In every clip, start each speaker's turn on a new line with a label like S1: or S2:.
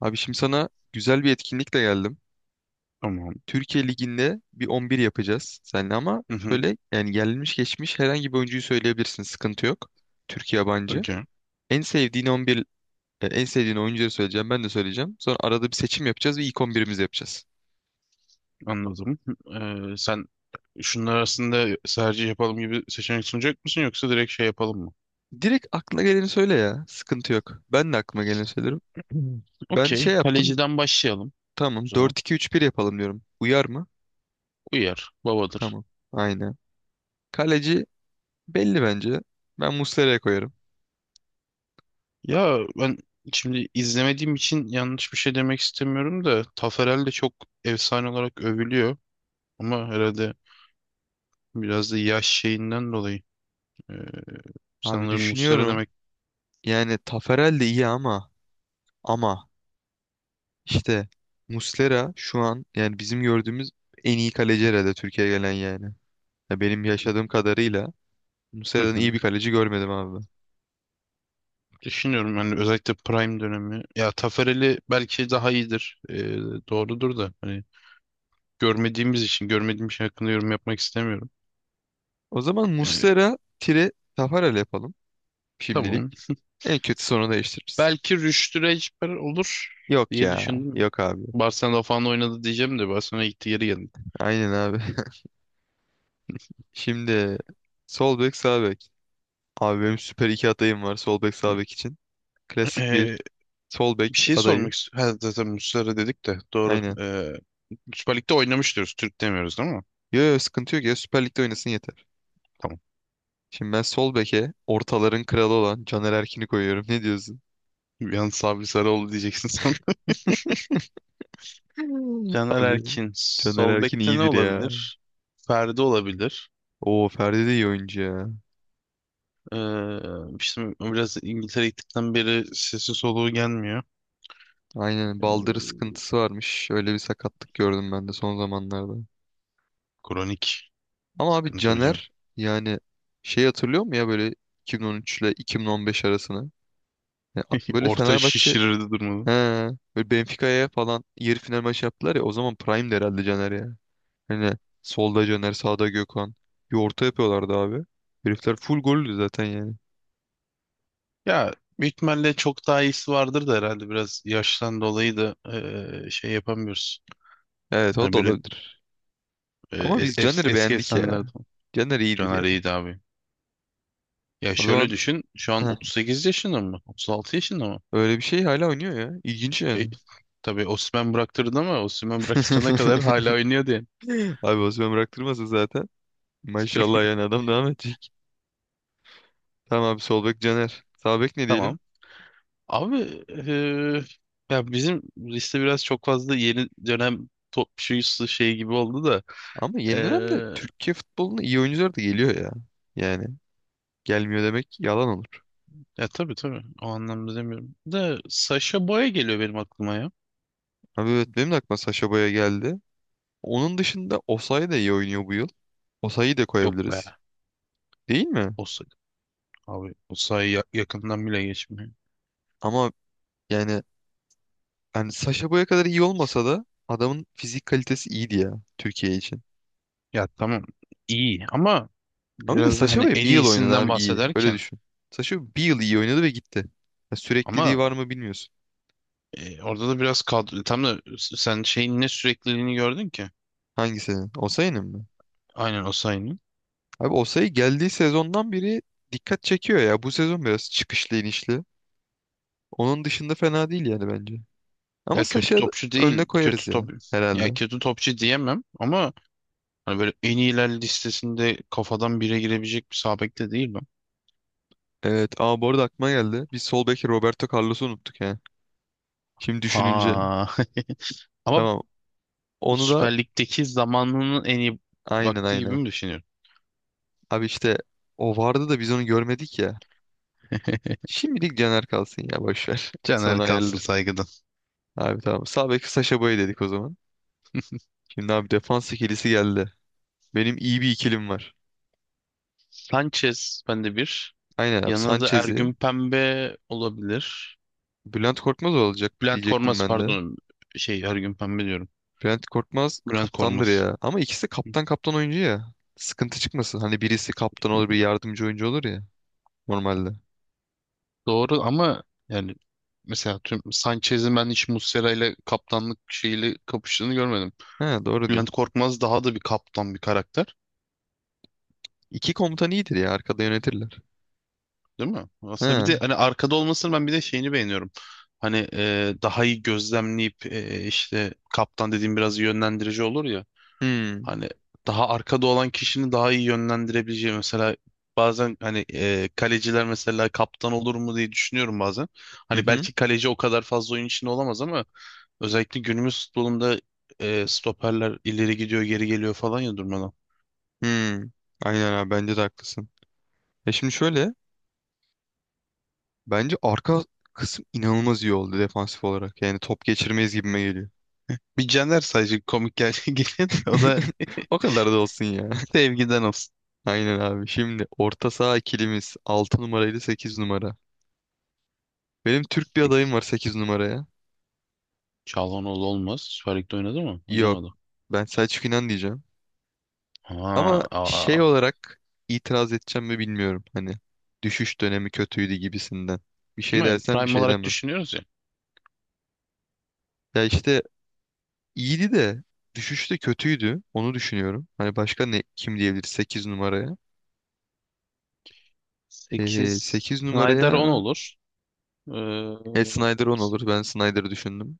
S1: Abi şimdi sana güzel bir etkinlikle geldim.
S2: Tamam.
S1: Türkiye Ligi'nde bir 11 yapacağız seninle ama
S2: Hı hı.
S1: şöyle yani gelmiş geçmiş herhangi bir oyuncuyu söyleyebilirsin. Sıkıntı yok. Türk yabancı.
S2: Okey.
S1: En sevdiğin 11 en sevdiğin oyuncuları söyleyeceğim. Ben de söyleyeceğim. Sonra arada bir seçim yapacağız ve ilk 11'imizi yapacağız.
S2: Anladım. Sen şunlar arasında tercih yapalım gibi seçenek sunacak mısın yoksa direkt şey yapalım mı?
S1: Direkt aklına geleni söyle ya. Sıkıntı yok. Ben de aklıma geleni söylerim.
S2: Hmm.
S1: Ben
S2: Okey.
S1: şey yaptım.
S2: Kaleciden başlayalım o
S1: Tamam,
S2: zaman.
S1: 4-2-3-1 yapalım diyorum. Uyar mı?
S2: Uyar. Babadır.
S1: Tamam. Aynen. Kaleci belli bence. Ben Muslera'ya koyarım.
S2: Ya ben şimdi izlemediğim için yanlış bir şey demek istemiyorum da Taferel de çok efsane olarak övülüyor. Ama herhalde biraz da yaş şeyinden dolayı. Ee,
S1: Abi
S2: Sanırım Muslera
S1: düşünüyorum.
S2: demek.
S1: Yani Taferel de iyi ama ama işte Muslera şu an yani bizim gördüğümüz en iyi kaleci herhalde Türkiye'ye gelen yani. Ya benim yaşadığım kadarıyla Muslera'dan iyi bir kaleci görmedim abi.
S2: Düşünüyorum yani özellikle Prime dönemi. Ya Taferel'i belki daha iyidir. Doğrudur da hani görmediğimiz için görmediğim şey hakkında yorum yapmak istemiyorum.
S1: O zaman
S2: Ee,
S1: Muslera tire Taferel yapalım şimdilik.
S2: tamam.
S1: En kötü sonra değiştiririz.
S2: Belki Rüştü Reçber olur
S1: Yok
S2: diye
S1: ya.
S2: düşündüm.
S1: Yok abi.
S2: Barcelona falan oynadı diyeceğim de Barcelona gitti geri geldi.
S1: Aynen abi. Şimdi sol bek sağ bek. Abi benim süper iki adayım var sol bek sağ bek için. Klasik bir
S2: Ee,
S1: sol
S2: Bir
S1: bek
S2: şey
S1: adayı.
S2: sormak istiyorum. Ha, zaten Muslera dedik de doğru.
S1: Aynen.
S2: Süper Lig'de oynamış diyoruz. Türk demiyoruz değil mi?
S1: Yo yo, sıkıntı yok ya, Süper Lig'de oynasın yeter.
S2: Tamam.
S1: Şimdi ben sol beke ortaların kralı olan Caner Erkin'i koyuyorum. Ne diyorsun?
S2: Yalnız Sabri Sarıoğlu diyeceksin sen.
S1: Hmm.
S2: Caner
S1: Abi
S2: Erkin.
S1: Caner
S2: Sol
S1: Erkin
S2: bekte ne
S1: iyidir ya.
S2: olabilir? Ferdi olabilir.
S1: Oo, Ferdi de iyi oyuncu ya.
S2: İşte biraz İngiltere gittikten beri sesi soluğu gelmiyor.
S1: Aynen, baldırı
S2: Ee,
S1: sıkıntısı varmış. Öyle bir sakatlık gördüm ben de son zamanlarda.
S2: Kronik
S1: Ama abi
S2: sıkıntı hocam.
S1: Caner yani şey hatırlıyor mu ya böyle 2013 ile 2015 arasını? Ya, böyle
S2: Orta
S1: Fenerbahçe,
S2: şişirirdi durmalı.
S1: he, böyle Benfica'ya falan yarı final maçı yaptılar ya, o zaman Prime'di herhalde Caner ya. Hani solda Caner, sağda Gökhan. Bir orta yapıyorlardı abi. Herifler full gollü zaten yani.
S2: Ya büyük ihtimalle çok daha iyisi vardır da herhalde biraz yaştan dolayı da şey yapamıyoruz.
S1: Evet, o
S2: Hani
S1: da
S2: böyle
S1: olabilir.
S2: ee,
S1: Ama
S2: es-
S1: biz
S2: es-
S1: Caner'i
S2: eski
S1: beğendik ya.
S2: efsanelerde falan.
S1: Caner iyidir
S2: Caner
S1: ya.
S2: iyiydi abi. Ya
S1: O
S2: şöyle
S1: zaman
S2: düşün şu an
S1: heh,
S2: 38 yaşında mı? 36 yaşında mı?
S1: öyle bir şey hala oynuyor ya. İlginç
S2: E,
S1: yani.
S2: tabii Osimhen bıraktırdı ama Osimhen bıraktırana kadar hala oynuyordu yani.
S1: Abi Osman bıraktırmasın zaten. Maşallah, yani adam devam edecek. Tamam abi, sol bek Caner. Sağ bek ne diyelim?
S2: Tamam. Abi, ya bizim liste biraz çok fazla yeni dönem top şuyusu şey gibi oldu da
S1: Ama yeni dönemde
S2: eee,
S1: Türkiye futboluna iyi oyuncular da geliyor ya. Yani gelmiyor demek yalan olur.
S2: ya tabii tabii o anlamda demiyorum. Da Sasha Boya geliyor benim aklıma ya.
S1: Abi evet, benim de aklıma Sacha Boey geldi. Onun dışında Osayi de iyi oynuyor bu yıl. Osayi'yi de
S2: Yok be.
S1: koyabiliriz. Değil mi?
S2: O sa- Abi o sayı yakından bile geçmiyor.
S1: Ama yani hani Sacha Boey'e kadar iyi olmasa da adamın fizik kalitesi iyiydi ya Türkiye için.
S2: Ya tamam iyi ama
S1: Ama bir de
S2: biraz da
S1: Sacha
S2: hani
S1: Boey
S2: en
S1: bir yıl oynadı
S2: iyisinden
S1: abi iyi. Öyle
S2: bahsederken
S1: düşün. Sacha Boey bir yıl iyi oynadı ve gitti. Ya sürekliliği var
S2: ama
S1: mı bilmiyorsun.
S2: orada da biraz kadro tam da sen şeyin ne sürekliliğini gördün ki.
S1: Hangisinin? Osayi'nin mi?
S2: Aynen o.
S1: Abi Osayi geldiği sezondan beri dikkat çekiyor ya. Bu sezon biraz çıkışlı inişli. Onun dışında fena değil yani bence. Ama
S2: Ya kötü
S1: Sasha
S2: topçu
S1: önüne
S2: değil.
S1: koyarız
S2: Kötü
S1: ya
S2: top,
S1: herhalde.
S2: ya kötü topçu diyemem ama hani böyle en iyiler listesinde kafadan bire girebilecek bir sağ bek de değil mi?
S1: Evet, ama bu arada aklıma geldi. Biz sol beki Roberto Carlos'u unuttuk ya. Şimdi düşününce.
S2: Ha. Ama
S1: Tamam. Onu da,
S2: Süper Lig'deki zamanının en iyi
S1: aynen
S2: vakti gibi
S1: aynen.
S2: mi düşünüyorum?
S1: Abi işte o vardı da biz onu görmedik ya. Şimdilik Caner kalsın ya, boş ver.
S2: Caner
S1: Sonra
S2: kalsın
S1: ayarlar.
S2: saygıdan.
S1: Abi tamam. Sağ bek Sasha Boy dedik o zaman. Şimdi abi defans ikilisi geldi. Benim iyi bir ikilim var.
S2: Sanchez bende bir.
S1: Aynen abi
S2: Yanında da
S1: Sanchez'i,
S2: Ergün Pembe olabilir.
S1: Bülent Korkmaz olacak
S2: Bülent
S1: diyecektim
S2: Korkmaz
S1: ben de.
S2: pardon. Şey Ergün Pembe diyorum.
S1: Bülent Korkmaz
S2: Bülent
S1: kaptandır
S2: Korkmaz.
S1: ya. Ama ikisi de kaptan kaptan oyuncu ya. Sıkıntı çıkmasın. Hani birisi kaptan olur, bir yardımcı oyuncu olur ya normalde.
S2: Doğru ama yani mesela tüm Sanchez'in ben hiç Muslera ile kaptanlık şeyiyle kapıştığını görmedim.
S1: He, doğru diyor.
S2: Bülent Korkmaz daha da bir kaptan bir karakter,
S1: İki komutan iyidir ya, arkada yönetirler.
S2: değil mi? Aslında bir de
S1: He.
S2: hani arkada olmasını ben bir de şeyini beğeniyorum. Hani daha iyi gözlemleyip işte kaptan dediğim biraz yönlendirici olur ya.
S1: Hmm.
S2: Hani daha arkada olan kişinin daha iyi yönlendirebileceği mesela bazen hani kaleciler mesela kaptan olur mu diye düşünüyorum bazen.
S1: Hı
S2: Hani
S1: hı.
S2: belki kaleci o kadar fazla oyun içinde olamaz ama özellikle günümüz futbolunda stoperler ileri gidiyor geri geliyor falan ya durmadan.
S1: Hmm. Aynen abi, bence de haklısın. E şimdi şöyle, bence arka kısım inanılmaz iyi oldu defansif olarak. Yani top geçirmeyiz gibime geliyor.
S2: Bir Caner sadece komik geliyor da o da
S1: O kadar da olsun ya.
S2: sevgiden olsun.
S1: Aynen abi. Şimdi orta saha ikilimiz 6 numara ile 8 numara. Benim Türk bir adayım
S2: Sik.
S1: var 8 numaraya.
S2: Çalhanoğlu olmaz. Süper Lig'de oynadı mı?
S1: Yok.
S2: Oynamadı.
S1: Ben Selçuk İnan diyeceğim.
S2: Ha,
S1: Ama şey
S2: aa.
S1: olarak itiraz edeceğim mi bilmiyorum. Hani düşüş dönemi kötüydü gibisinden. Bir şey
S2: Ama
S1: dersen bir
S2: prime
S1: şey
S2: olarak
S1: demem.
S2: düşünüyoruz ya.
S1: Ya işte iyiydi de düşüşte de kötüydü. Onu düşünüyorum. Hani başka ne kim diyebilir 8 numaraya?
S2: 8.
S1: 8
S2: Snyder
S1: numaraya,
S2: 10 olur. Ee,
S1: Snyder 10 olur. Ben Snyder'ı düşündüm.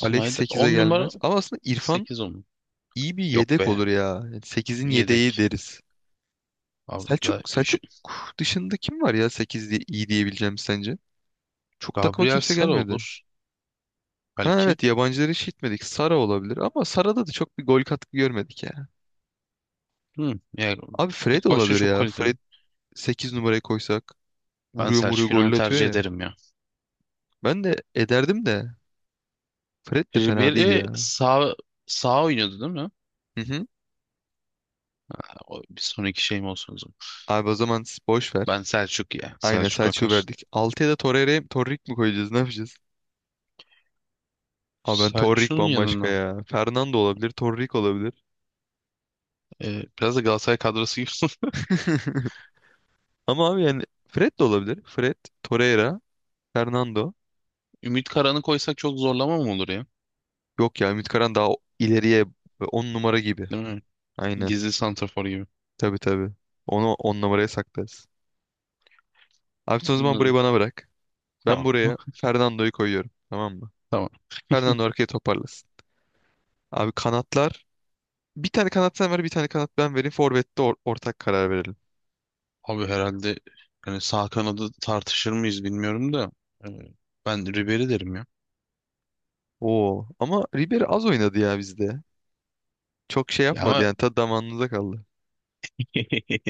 S1: Alex
S2: 10
S1: sekize
S2: numara
S1: gelmez. Ama aslında İrfan
S2: 8 10.
S1: iyi bir
S2: Yok
S1: yedek
S2: be.
S1: olur ya. Yani sekizin yedeği
S2: Yedek.
S1: deriz.
S2: Abi,
S1: Selçuk,
S2: da- şu-
S1: Selçuk dışında kim var ya sekiz diye iyi diyebileceğim sence? Çok takıma
S2: Gabriel
S1: kimse
S2: Sara
S1: gelmedi.
S2: olur
S1: Ha
S2: belki.
S1: evet, yabancıları hiç gitmedik. Sara olabilir ama Sara'da da çok bir gol katkı görmedik ya.
S2: Hı, yani
S1: Abi Fred
S2: ilk başta
S1: olabilir
S2: çok
S1: ya. Fred
S2: kaliteli.
S1: 8 numaraya koysak
S2: Ben
S1: vuruyor vuruyor
S2: Selçuk Yunan'ı
S1: golle atıyor
S2: tercih
S1: ya.
S2: ederim ya.
S1: Ben de ederdim de Fred de fena değil
S2: Ribery
S1: ya.
S2: sağ oynuyordu değil mi?
S1: Hı hı.
S2: O, bir sonraki şeyim olsun o zaman.
S1: Abi o zaman boş ver.
S2: Ben Selçuk ya.
S1: Aynen,
S2: Selçuk
S1: Selçuk'u
S2: Akar.
S1: verdik. Altıya da Torreira'ya, Torrik mi koyacağız, ne yapacağız? Abi ben Torrik
S2: Selçuk'un
S1: bambaşka
S2: yanına.
S1: ya. Fernando olabilir, Torrik olabilir.
S2: Biraz da Galatasaray kadrosu gibi.
S1: Ama abi yani Fred de olabilir. Fred, Torreira, Fernando.
S2: Ümit Karan'ı koysak çok zorlama mı olur ya?
S1: Yok ya, Ümit Karan daha ileriye, 10 numara gibi.
S2: Değil mi?
S1: Aynen.
S2: Gizli santrafor gibi.
S1: Tabii tabii. Onu 10 numaraya saklarız. Abi sen o zaman burayı
S2: Anladım.
S1: bana bırak. Ben
S2: Tamam.
S1: buraya Fernando'yu koyuyorum. Tamam mı?
S2: Tamam.
S1: Fernando arkaya toparlasın. Abi kanatlar. Bir tane kanat sen ver, bir tane kanat ben vereyim. Forvet'te ortak karar verelim.
S2: Abi herhalde hani sağ kanadı tartışır mıyız bilmiyorum da. e, Ben Ribery derim ya.
S1: Oo. Ama Ribery az oynadı ya bizde. Çok şey
S2: Ya
S1: yapmadı
S2: ama
S1: yani. Tadı damağınıza kaldı.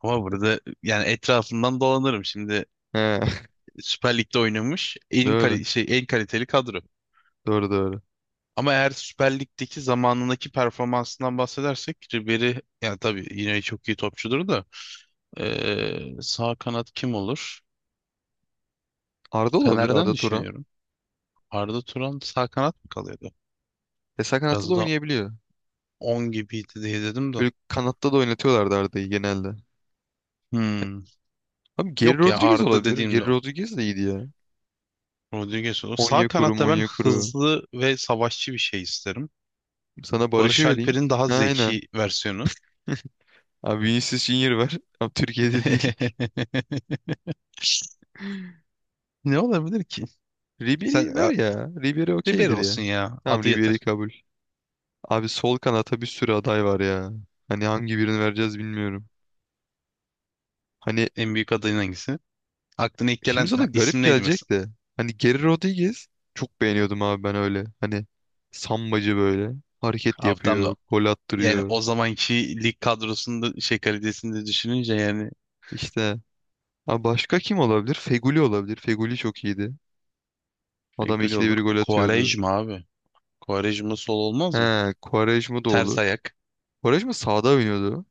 S2: ama burada yani etrafından dolanırım şimdi
S1: He.
S2: Süper Lig'de oynamış
S1: Doğru.
S2: en kaliteli kadro.
S1: Doğru doğru.
S2: Ama eğer Süper Lig'deki zamanındaki performansından bahsedersek Ribery yani tabii yine çok iyi topçudur da sağ kanat kim olur?
S1: Arda olabilir.
S2: Fener'den
S1: Arda Turan.
S2: düşünüyorum. Arda Turan sağ kanat mı kalıyordu?
S1: E, sağ kanatta da
S2: Biraz da
S1: oynayabiliyor.
S2: 10 gibiydi diye dedim de.
S1: Böyle kanatta da oynatıyorlardı Arda'yı genelde.
S2: Hmm.
S1: Abi Geri
S2: Yok ya
S1: Rodriguez
S2: Arda
S1: olabilir.
S2: dediğimde
S1: Geri
S2: o.
S1: Rodriguez de iyiydi ya.
S2: Rodriguez olur. Sağ
S1: Onyekuru,
S2: kanatta ben
S1: Onyekuru.
S2: hızlı ve savaşçı bir şey isterim.
S1: Sana Barış'ı
S2: Barış
S1: vereyim.
S2: Alper'in daha
S1: Aynen.
S2: zeki versiyonu.
S1: Abi Vinicius Junior ver. Abi Türkiye'de değil.
S2: Ne olabilir? Sen
S1: Ribery ver
S2: e,
S1: ya. Ribery
S2: Ribery
S1: okeydir ya.
S2: olsun ya.
S1: Tamam,
S2: Adı
S1: Ribery
S2: yeter.
S1: kabul. Abi sol kanata bir sürü aday var ya. Hani hangi birini vereceğiz bilmiyorum. Hani
S2: En büyük adayın hangisi? Aklına ilk
S1: şimdi
S2: gelen
S1: sana
S2: ya,
S1: garip
S2: isim neydi
S1: gelecek
S2: mesela?
S1: de. Hani Geri Rodriguez çok beğeniyordum abi ben öyle. Hani sambacı böyle. Hareket
S2: Abi tam da
S1: yapıyor. Gol
S2: yani
S1: attırıyor.
S2: o zamanki lig kadrosunda şey kalitesini de düşününce yani
S1: İşte, abi başka kim olabilir? Feguli olabilir. Feguli çok iyiydi.
S2: şey,
S1: Adam
S2: gül
S1: ikide
S2: olur.
S1: bir gol atıyordu.
S2: Quaresma abi. Quaresma sol olmaz mı?
S1: He, Quaresma da olur.
S2: Ters ayak.
S1: Quaresma sağda oynuyordu.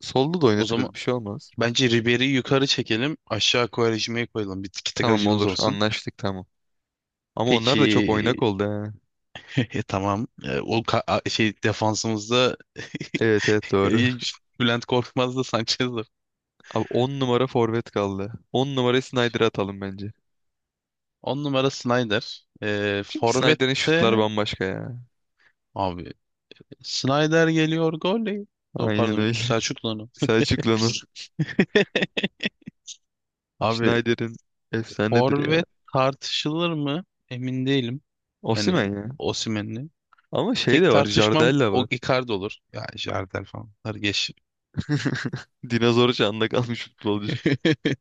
S1: Solda da
S2: O zaman
S1: oynatırız, bir şey olmaz.
S2: bence Ribery'i yukarı çekelim. Aşağı Quaresma'yı koyalım. Bir tiki taka
S1: Tamam,
S2: acımız
S1: olur,
S2: olsun.
S1: anlaştık tamam. Ama onlar da çok oynak
S2: Peki
S1: oldu he.
S2: tamam. E, o ka- a- şey defansımızda
S1: Evet evet, doğru.
S2: Bülent Korkmaz da Sanchez.
S1: Abi 10 numara forvet kaldı. 10 numarayı Snyder'a atalım bence.
S2: 10 numara Snyder.
S1: Çünkü Snyder'in şutları
S2: Forvet'te
S1: bambaşka ya.
S2: abi Snyder geliyor golley. Oh,
S1: Aynen
S2: pardon
S1: öyle.
S2: Selçuklu'nun.
S1: Selçuklu'nun,
S2: Abi
S1: Snyder'in, efsanedir ya.
S2: forvet tartışılır mı? Emin değilim. Yani
S1: Osimhen ya.
S2: Osimhen'le.
S1: Ama şey
S2: Tek
S1: de var,
S2: tartışmam
S1: Jardel de
S2: o
S1: var.
S2: Icardi olur. Ya Jardel falan. Bunları geç.
S1: Dinozor çağında kalmış futbolcu.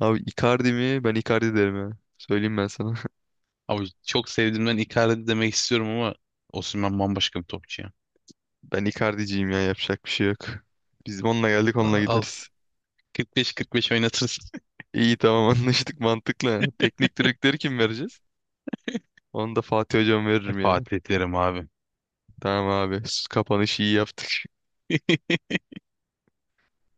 S1: Abi Icardi mi? Ben Icardi derim ya. Söyleyeyim ben sana.
S2: Abi çok sevdiğimden Icardi demek istiyorum ama Osimhen bambaşka bir topçu ya.
S1: Ben Icardi'ciyim ya, yapacak bir şey yok. Biz onunla geldik onunla
S2: Al
S1: gideriz.
S2: 45-45 oynatırsın.
S1: İyi tamam, anlaştık, mantıklı. Teknik direktörü kim vereceğiz? Onu da Fatih Hocam veririm ya.
S2: Fatih ederim abi.
S1: Tamam abi. Kapanışı iyi yaptın.